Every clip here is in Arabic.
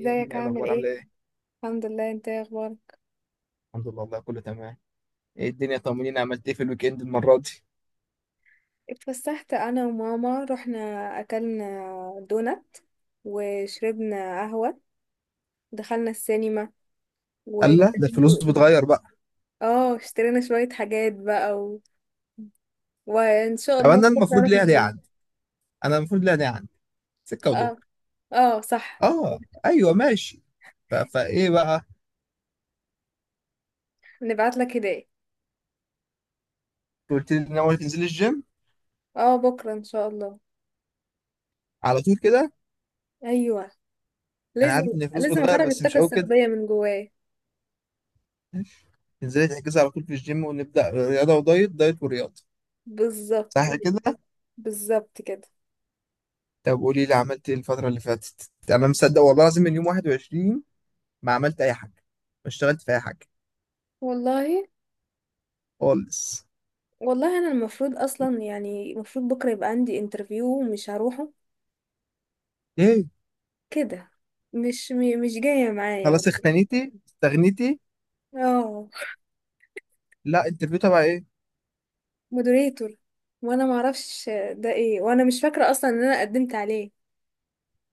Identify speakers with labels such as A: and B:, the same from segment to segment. A: هي دي ايه
B: عامل
A: الاخبار؟
B: ايه؟
A: عامله ايه؟
B: الحمد لله. انت ايه اخبارك؟
A: الحمد لله، والله كله تمام. ايه الدنيا، طمنيني، عملت ايه في الويك اند المره دي؟
B: اتفسحت انا وماما. رحنا اكلنا دونات وشربنا قهوة، دخلنا السينما و
A: قال لا ده الفلوس بتغير بقى.
B: اه اشترينا شوية حاجات بقى وان شاء
A: طب
B: الله
A: انا
B: بكرة
A: المفروض
B: اروح
A: ليها دي
B: الجيم.
A: عندي، انا المفروض ليها دي عندي سكه
B: اه.
A: ودور.
B: اه صح.
A: اه ايوه ماشي. فايه بقى؟
B: نبعت لك هدايا.
A: قلت لي ان اول تنزل الجيم
B: اه بكرة ان شاء الله.
A: على طول كده.
B: ايوه.
A: انا
B: لازم.
A: عارف ان الفلوس
B: لازم
A: بتغير
B: اخرج
A: بس مش
B: الطاقة
A: قوي كده.
B: السلبية من جوايا.
A: تنزلي تحجزي على طول في الجيم ونبدا رياضه ودايت دايت ورياضه.
B: بالظبط.
A: صح كده.
B: بالظبط كده.
A: طب قولي لي عملت ايه الفتره اللي فاتت، انا مصدق والله العظيم من يوم 21 ما عملت اي حاجه، ما اشتغلت في اي حاجه
B: والله.
A: خالص.
B: والله انا المفروض اصلا، يعني المفروض بكره يبقى عندي انترفيو ومش هروحه
A: ايه.
B: كده. مش جايه معايا.
A: خلاص اختنيتي استغنيتي.
B: اه.
A: لا انترفيو تبع ايه؟
B: مودريتور. وانا ما اعرفش ده ايه، وانا مش فاكره اصلا ان انا قدمت عليه.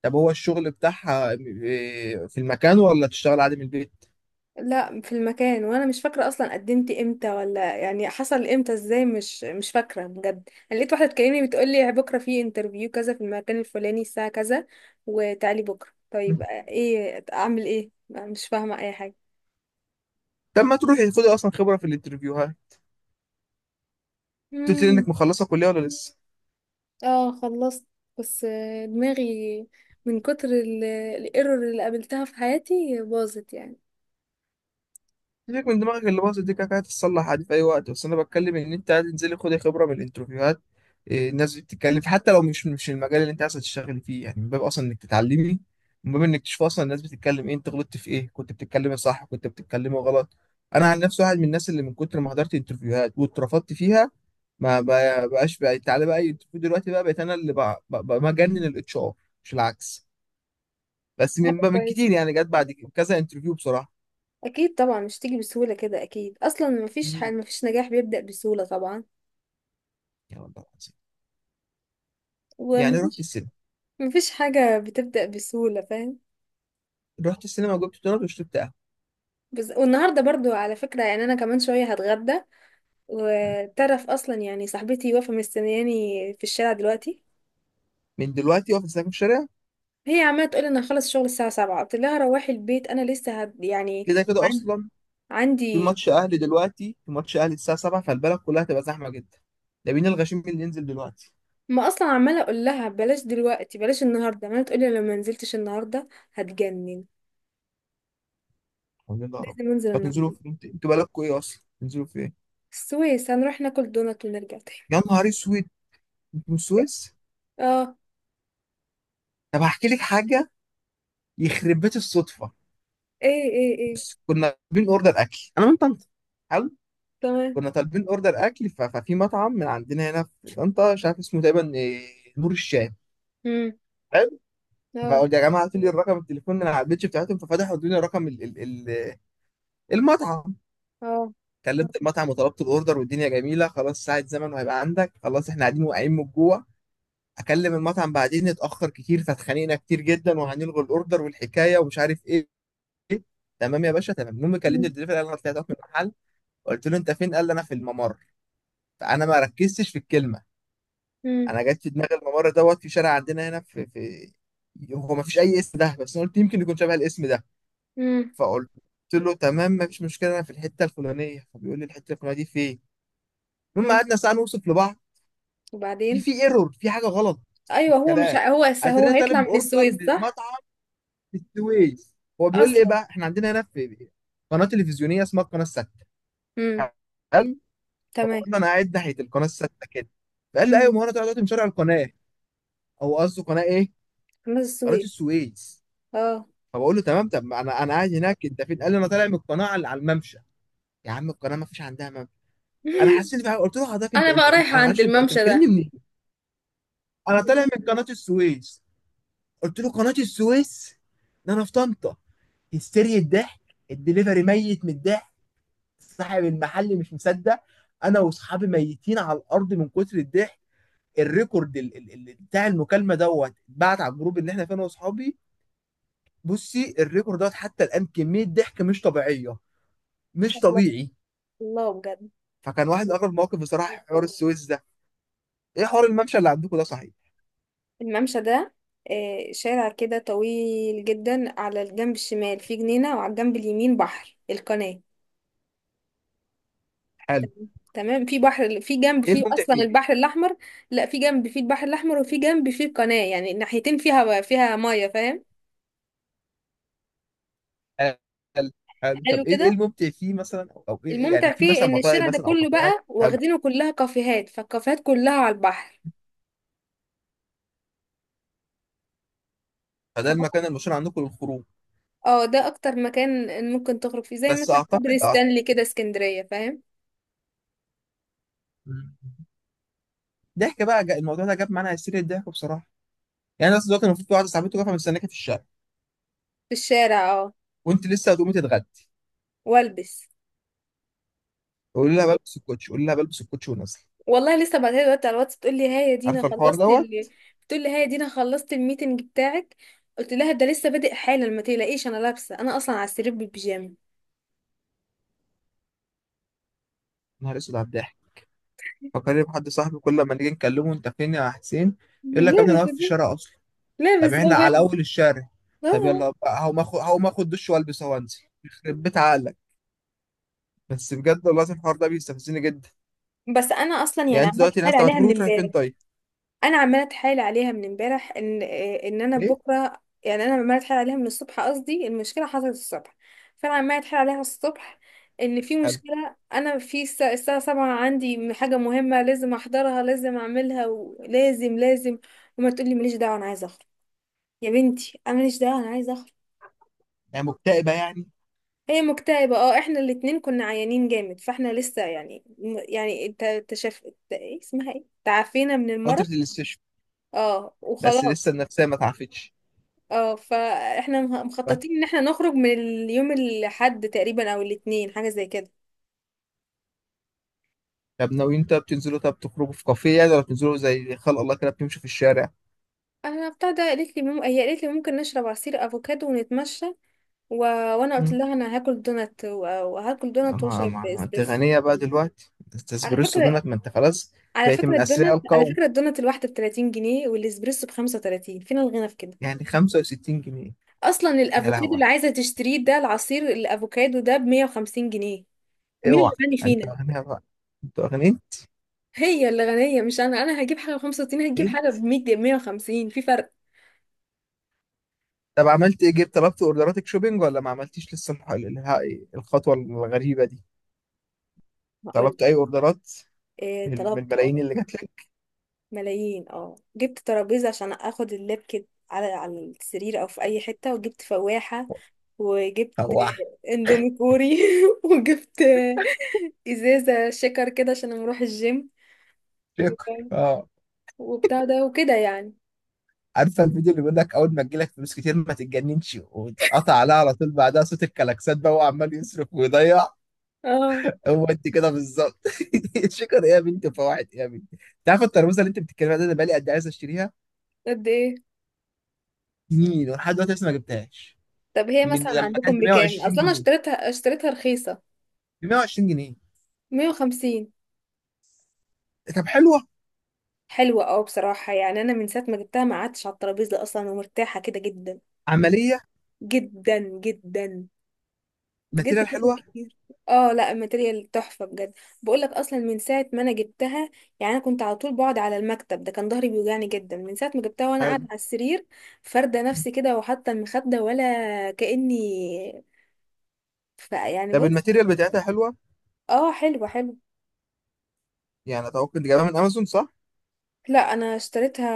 A: طب هو الشغل بتاعها إيه، في المكان ولا تشتغل عادي من البيت؟
B: لا، في المكان، وانا مش فاكره اصلا قدمت امتى ولا يعني حصل امتى ازاي. مش فاكره بجد. انا لقيت واحده تكلمني بتقول لي بكره في انترفيو كذا في المكان الفلاني الساعه كذا، وتعالي بكره. طيب ايه؟ اعمل ايه؟ مش فاهمه اي حاجه.
A: طب ما تروحي خدي اصلا خبره في الانترفيو، ها. قلت لي انك
B: مم.
A: مخلصه كليه ولا لسه؟
B: اه خلصت. بس دماغي من كتر الايرور اللي قابلتها في حياتي باظت يعني.
A: سيبك من دماغك اللي باظت دي، كده كده هتتصلح عادي في اي وقت، بس انا بتكلم ان انت عايز تنزلي خدي خبره من الانترفيوهات. إيه، الناس دي بتتكلم حتى لو مش المجال اللي انت عايز تشتغلي فيه، يعني من باب اصلا انك تتعلمي. من باب انك تشوف اصلا الناس بتتكلم ايه، انت غلطت في ايه، كنت بتتكلمي صح كنت بتتكلمي غلط. انا عن نفسي واحد من الناس اللي من كتر ما حضرت انترفيوهات واترفضت فيها، ما بقى- بقاش بقى تعالى بقى اي انترفيو دلوقتي، بقى بقيت انا اللي بقى بجنن الاتش ار، مش العكس. بس من
B: كويس.
A: كتير يعني جت بعد كذا انترفيو بصراحه.
B: اكيد طبعا مش تيجي بسهوله كده، اكيد. اصلا
A: مم،
B: مفيش نجاح بيبدا بسهوله طبعا.
A: يا والله العظيم، يعني رحت
B: ومفيش.
A: السلم،
B: مفيش حاجه بتبدا بسهوله، فاهم؟
A: رحت السينما وجبت دونات وشربت قهوه.
B: بس والنهارده برضو على فكره، يعني انا كمان شويه هتغدى. وتعرف اصلا يعني صاحبتي واقفه مستنياني في الشارع دلوقتي.
A: من دلوقتي واقف استناك في الشارع؟
B: هي عماله تقول انا هخلص شغل الساعه 7، قلت لها روحي البيت انا يعني.
A: كده كده
B: عن-
A: اصلا. في
B: عندي.
A: ماتش اهلي دلوقتي، في ماتش اهلي الساعه 7، فالبلد كلها هتبقى زحمه جدا. ده مين الغشيم اللي ينزل دلوقتي؟
B: ما اصلا عماله اقول لها بلاش دلوقتي، بلاش النهارده. ما تقولي لو ما نزلتش النهارده هتجنن.
A: قول لنا يا رب.
B: لازم انزل
A: فتنزلوا
B: النهارده.
A: في انتوا بالكوا ايه اصلا، تنزلوا في ايه؟
B: السويس، هنروح ناكل دونات ونرجع تاني.
A: يا نهار اسود، انتوا من السويس؟
B: اه.
A: طب هحكي لك حاجه. يخرب بيت الصدفه.
B: ايه ايه ايه؟
A: كنا طالبين اوردر اكل انا من طنطا. حلو.
B: تمام.
A: كنا طالبين اوردر اكل ففي مطعم من عندنا هنا في طنطا، مش عارف اسمه تقريبا إيه، نور الشام.
B: امم. اه.
A: فقلت يا جماعه هاتوا لي الرقم التليفون اللي على البيتش بتاعتهم، ففتحوا ادوني رقم ال المطعم.
B: اه.
A: كلمت المطعم وطلبت الاوردر والدنيا جميله، خلاص ساعه زمن وهيبقى عندك، خلاص احنا قاعدين واقعين من الجوع. اكلم المطعم بعدين، اتاخر كتير فاتخانقنا كتير جدا وهنلغي الاوردر والحكايه ومش عارف ايه. تمام يا باشا، تمام. المهم كلمني
B: امم.
A: الدليفري، قال انا طلعت أقف من المحل. قلت له انت فين؟ قال لي انا في الممر. فانا ما ركزتش في الكلمه.
B: امم.
A: انا جت في دماغي الممر دوت في شارع عندنا هنا في. هو ما فيش اي اسم ده، بس انا قلت يمكن يكون شبه الاسم ده.
B: امم.
A: فقلت له تمام، مفيش مشكله، انا في الحته الفلانيه، فبيقول لي الحته الفلانيه دي فين؟ المهم
B: أمم.
A: قعدنا ساعه نوصف لبعض. في
B: وبعدين؟
A: في ايرور، في حاجه غلط في
B: ايوه. هو مش
A: الكلام.
B: ه- هو س- هو
A: اترينا
B: هيطلع
A: طالب
B: من
A: اوردر
B: السويس،
A: من
B: صح؟
A: مطعم في السويس، هو بيقول لي ايه
B: اصلا.
A: بقى، احنا عندنا هنا في قناه تلفزيونيه اسمها القناه السادسه.
B: امم.
A: حلو. فبقول
B: تمام.
A: له انا قاعد ناحيه القناه السادسه كده. فقال لي ايوه، ما هو
B: امم.
A: انا دلوقتي من شارع القناه. او قصده قناه ايه،
B: خلاص،
A: قناه
B: السويس.
A: السويس.
B: اه.
A: فبقول له تمام، طب ما انا قاعد هناك، انت فين؟ قال لي انا طالع من القناه على الممشى. يا عم القناه ما فيش عندها. انا حسيت بقى، قلت له حضرتك
B: انا بقى رايحه
A: انا
B: عند
A: معلش، انت
B: الممشى
A: بتكلمني
B: ده.
A: منين؟ انا طالع من قناه السويس. قلت له قناه السويس؟ ده انا في طنطا. هستيريا الضحك. الدليفري ميت من الضحك. صاحب المحل مش مصدق. انا واصحابي ميتين على الارض من كتر الضحك. الريكورد بتاع المكالمه دوت اتبعت على الجروب اللي احنا فيه انا واصحابي. بصي الريكورد دوت حتى الان كميه ضحك مش طبيعيه، مش
B: الله.
A: طبيعي.
B: الله بجد.
A: فكان واحد من اغرب المواقف بصراحه حوار السويس ده. ايه حوار الممشى اللي عندكم ده صحيح؟
B: الممشى ده شارع كده طويل جدا، على الجنب الشمال فيه جنينة وعلى الجنب اليمين بحر القناة.
A: حلو.
B: تمام. تمام. في بحر، في جنب
A: ايه
B: فيه
A: الممتع
B: اصلا
A: فيه؟
B: البحر الاحمر. لا، في جنب فيه البحر الاحمر وفي جنب فيه القناة، يعني الناحيتين فيها. فيها مية، فاهم؟
A: هل هل طب
B: حلو
A: ايه
B: كده.
A: الممتع فيه مثلا، او ايه
B: الممتع
A: يعني في
B: فيه
A: مثلا
B: ان
A: مطاعم
B: الشارع ده
A: مثلا او
B: كله
A: كافيهات،
B: بقى
A: هل؟
B: واخدينه كلها كافيهات، فالكافيهات كلها على البحر.
A: فده
B: فهو،
A: المكان المشهور عندكم للخروج.
B: اه، ده اكتر مكان ممكن تخرج فيه، زي
A: بس
B: مثلا كوبري ستانلي كده اسكندرية، فاهم؟
A: مم. ضحك بقى، الموضوع ده جاب معانا هستيريا الضحك بصراحه. يعني انا أصل دلوقتي المفروض في واحده صاحبتي واقفه مستناكي في الشارع،
B: في الشارع، اه.
A: وانت لسه هتقومي تتغدي.
B: والبس.
A: قولي لها بلبس الكوتش، قولي لها بلبس الكوتش ونازله.
B: والله لسه بعتها لي دلوقتي على الواتس، بتقول لي ها يا دينا
A: عارفه الحوار
B: خلصت
A: دوت.
B: بتقول لي ها يا دينا خلصت الميتنج بتاعك. قلت لها ده لسه بادئ حالا، ما تقلقيش انا لابسه، انا اصلا على السرير بالبيجامه.
A: نهار اسود على الضحك. فكرني بحد صاحبي كل ما نيجي نكلمه انت فين يا حسين؟ يقول لك يا ابني انا
B: لابسه
A: واقف في
B: دي.
A: الشارع اصلا. طب
B: لابسه
A: احنا على
B: بجد.
A: اول الشارع. طب
B: اه.
A: يلا بقى، هقوم اخد دش والبس وانزل. يخرب بيت عقلك. بس بجد والله العظيم الحوار ده بيستفزني جدا.
B: بس انا اصلا يعني
A: يعني انت
B: عمال
A: دلوقتي
B: حال
A: الناس، طب
B: عليها من
A: هتخرجوا تروحي فين
B: امبارح.
A: طيب؟
B: انا عماله اتحايل عليها من امبارح ان انا
A: ايه؟
B: بكره، يعني انا عماله اتحايل عليها من الصبح. قصدي المشكله حصلت الصبح، فانا عماله اتحايل عليها الصبح ان في
A: حلو.
B: مشكله، انا في الساعه 7 عندي حاجه مهمه لازم احضرها، لازم اعملها، ولازم. لازم. وما تقولي ماليش دعوه انا عايزه اخرج. يا بنتي انا ماليش دعوه انا عايزه اخرج.
A: يعني مكتئبه يعني.
B: هي مكتئبه، اه. احنا الاتنين كنا عيانين جامد، فاحنا لسه يعني، يعني انت تشاف ايه اسمها، ايه، تعافينا من المرض.
A: فتره الاستشفاء.
B: اه
A: بس لسه
B: وخلاص.
A: النفسيه ما تعافتش.
B: اه فاحنا
A: طيب.
B: مخططين ان احنا نخرج من اليوم الاحد تقريبا او الاثنين، حاجه زي كده.
A: طب ناويين طب تنزلوا طب تخرجوا في كافيه يعني، ولا بتنزلوا زي خلق الله كده بتمشوا في الشارع؟
B: انا بتاع ده، قالت لي هي قالت لي ممكن نشرب عصير افوكادو ونتمشى و... وانا قلت
A: مم.
B: لها انا هاكل دونات وهاكل دونات
A: ما
B: واشرب
A: ما انت
B: اسبريسو.
A: غنيه بقى دلوقتي، انت
B: على
A: اسبريسو
B: فكره.
A: دونك، ما انت خلاص.
B: على
A: بقيت
B: فكره
A: من اثرياء
B: الدونات، على
A: القوم.
B: فكره الدونات الواحده ب 30 جنيه والاسبريسو ب 35، فين الغنى في كده؟
A: يعني 65 جنيه.
B: اصلا
A: يا
B: الافوكادو اللي
A: لهوي.
B: عايزه تشتريه ده، العصير الافوكادو ده ب 150 جنيه. مين اللي
A: اوعى.
B: غني
A: انت
B: فينا؟
A: اغنياء بقى، انت اغنياء.
B: هي اللي غنية مش أنا. أنا هجيب حاجة ب 65، هتجيب
A: ايه.
B: حاجة بمية وخمسين، في فرق.
A: طب عملت ايه؟ جبت طلبت اوردراتك شوبينج ولا ما عملتيش لسه الخطوه الغريبه دي؟
B: هقول
A: طلبت اي اوردرات
B: إيه؟
A: من
B: طلبت،
A: الملايين
B: اه.
A: اللي جات لك؟
B: ملايين، اه. جبت ترابيزة عشان اخد اللاب كده على السرير او في اي حتة، وجبت فواحة، وجبت
A: هو.
B: اندومي كوري وجبت ازازة شكر كده عشان أنا اروح الجيم،
A: شكر اه.
B: وبتاع ده، وكده يعني.
A: عارفه الفيديو اللي بيقول لك اول ما تجيلك فلوس كتير ما تتجننش وتتقطع عليها على طول، بعدها صوت الكلاكسات بقى وعمال يصرف ويضيع.
B: اه.
A: هو انت كده بالظبط. شكر ايه يا بنتي، وفواحد ايه يا بنتي، انت عارفه الترموزه اللي انت بتتكلم عليها دي، انا بقالي قد إيه عايز اشتريها؟
B: قد ايه؟
A: سنين، ولحد دلوقتي لسه ما جبتهاش.
B: طب هي
A: من
B: مثلا
A: لما
B: عندكم
A: كانت ب
B: بكام؟
A: 120
B: اصلا انا
A: جنيه
B: اشتريتها، اشتريتها رخيصة.
A: ب 120 جنيه.
B: 150.
A: طب حلوه.
B: حلوة، اه. بصراحة يعني أنا من ساعة ما جبتها ما قعدتش على الترابيزة أصلا، ومرتاحة كده جدا.
A: عمليه.
B: جدا جدا. بجد،
A: ماتيريال
B: فاتت
A: حلوه.
B: كتير. اه لا، الماتيريال تحفة بجد. بقولك أصلا من ساعة ما أنا جبتها، يعني أنا كنت على طول بقعد على المكتب ده، كان ظهري بيوجعني جدا. من ساعة ما جبتها وأنا قاعدة
A: حلو.
B: على السرير فاردة نفسي كده، وحاطة المخدة، ولا كأني. ف يعني
A: طب
B: بص.
A: الماتيريال بتاعتها حلوه.
B: اه، حلوة حلوة.
A: يعني اتوقع انت جايبها من امازون، صح؟
B: لا أنا اشتريتها،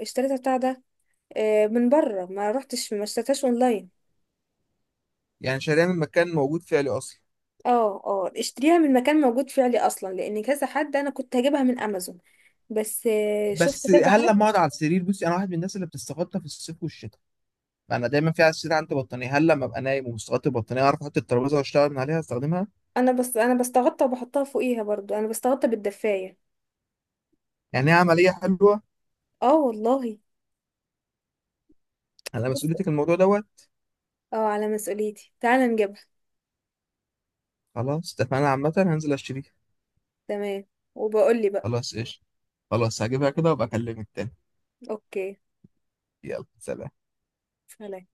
B: اشتريتها بتاع ده، من بره، ما رحتش، ما اشتريتهاش اونلاين.
A: يعني شاريها من مكان موجود فعلي اصلا.
B: اه. اه اشتريها من مكان موجود فعلي اصلا، لان كذا حد انا كنت هجيبها من امازون، بس شفت
A: بس
B: كذا
A: هل
B: حد.
A: لما اقعد على السرير، بصي انا واحد من الناس اللي بتستغطى في الصيف والشتاء. انا دايما في على السرير عندي بطانيه، هل لما ابقى نايم ومستغطي البطانيه اعرف احط الترابيزه واشتغل من عليها استخدمها؟
B: انا بس. انا بستغطى وبحطها فوقيها برضو، انا بستغطى بالدفاية.
A: يعني هي عمليه حلوه.
B: اه والله.
A: انا
B: بس.
A: مسؤوليتك الموضوع دوت.
B: اه على مسؤوليتي، تعالى نجيبها.
A: خلاص اتفقنا عامه، هنزل اشتريها.
B: تمام. وبقول لي بقى.
A: خلاص ايش. خلاص هجيبها كده وابقى اكلمك تاني.
B: اوكي.
A: يلا سلام.
B: سلام.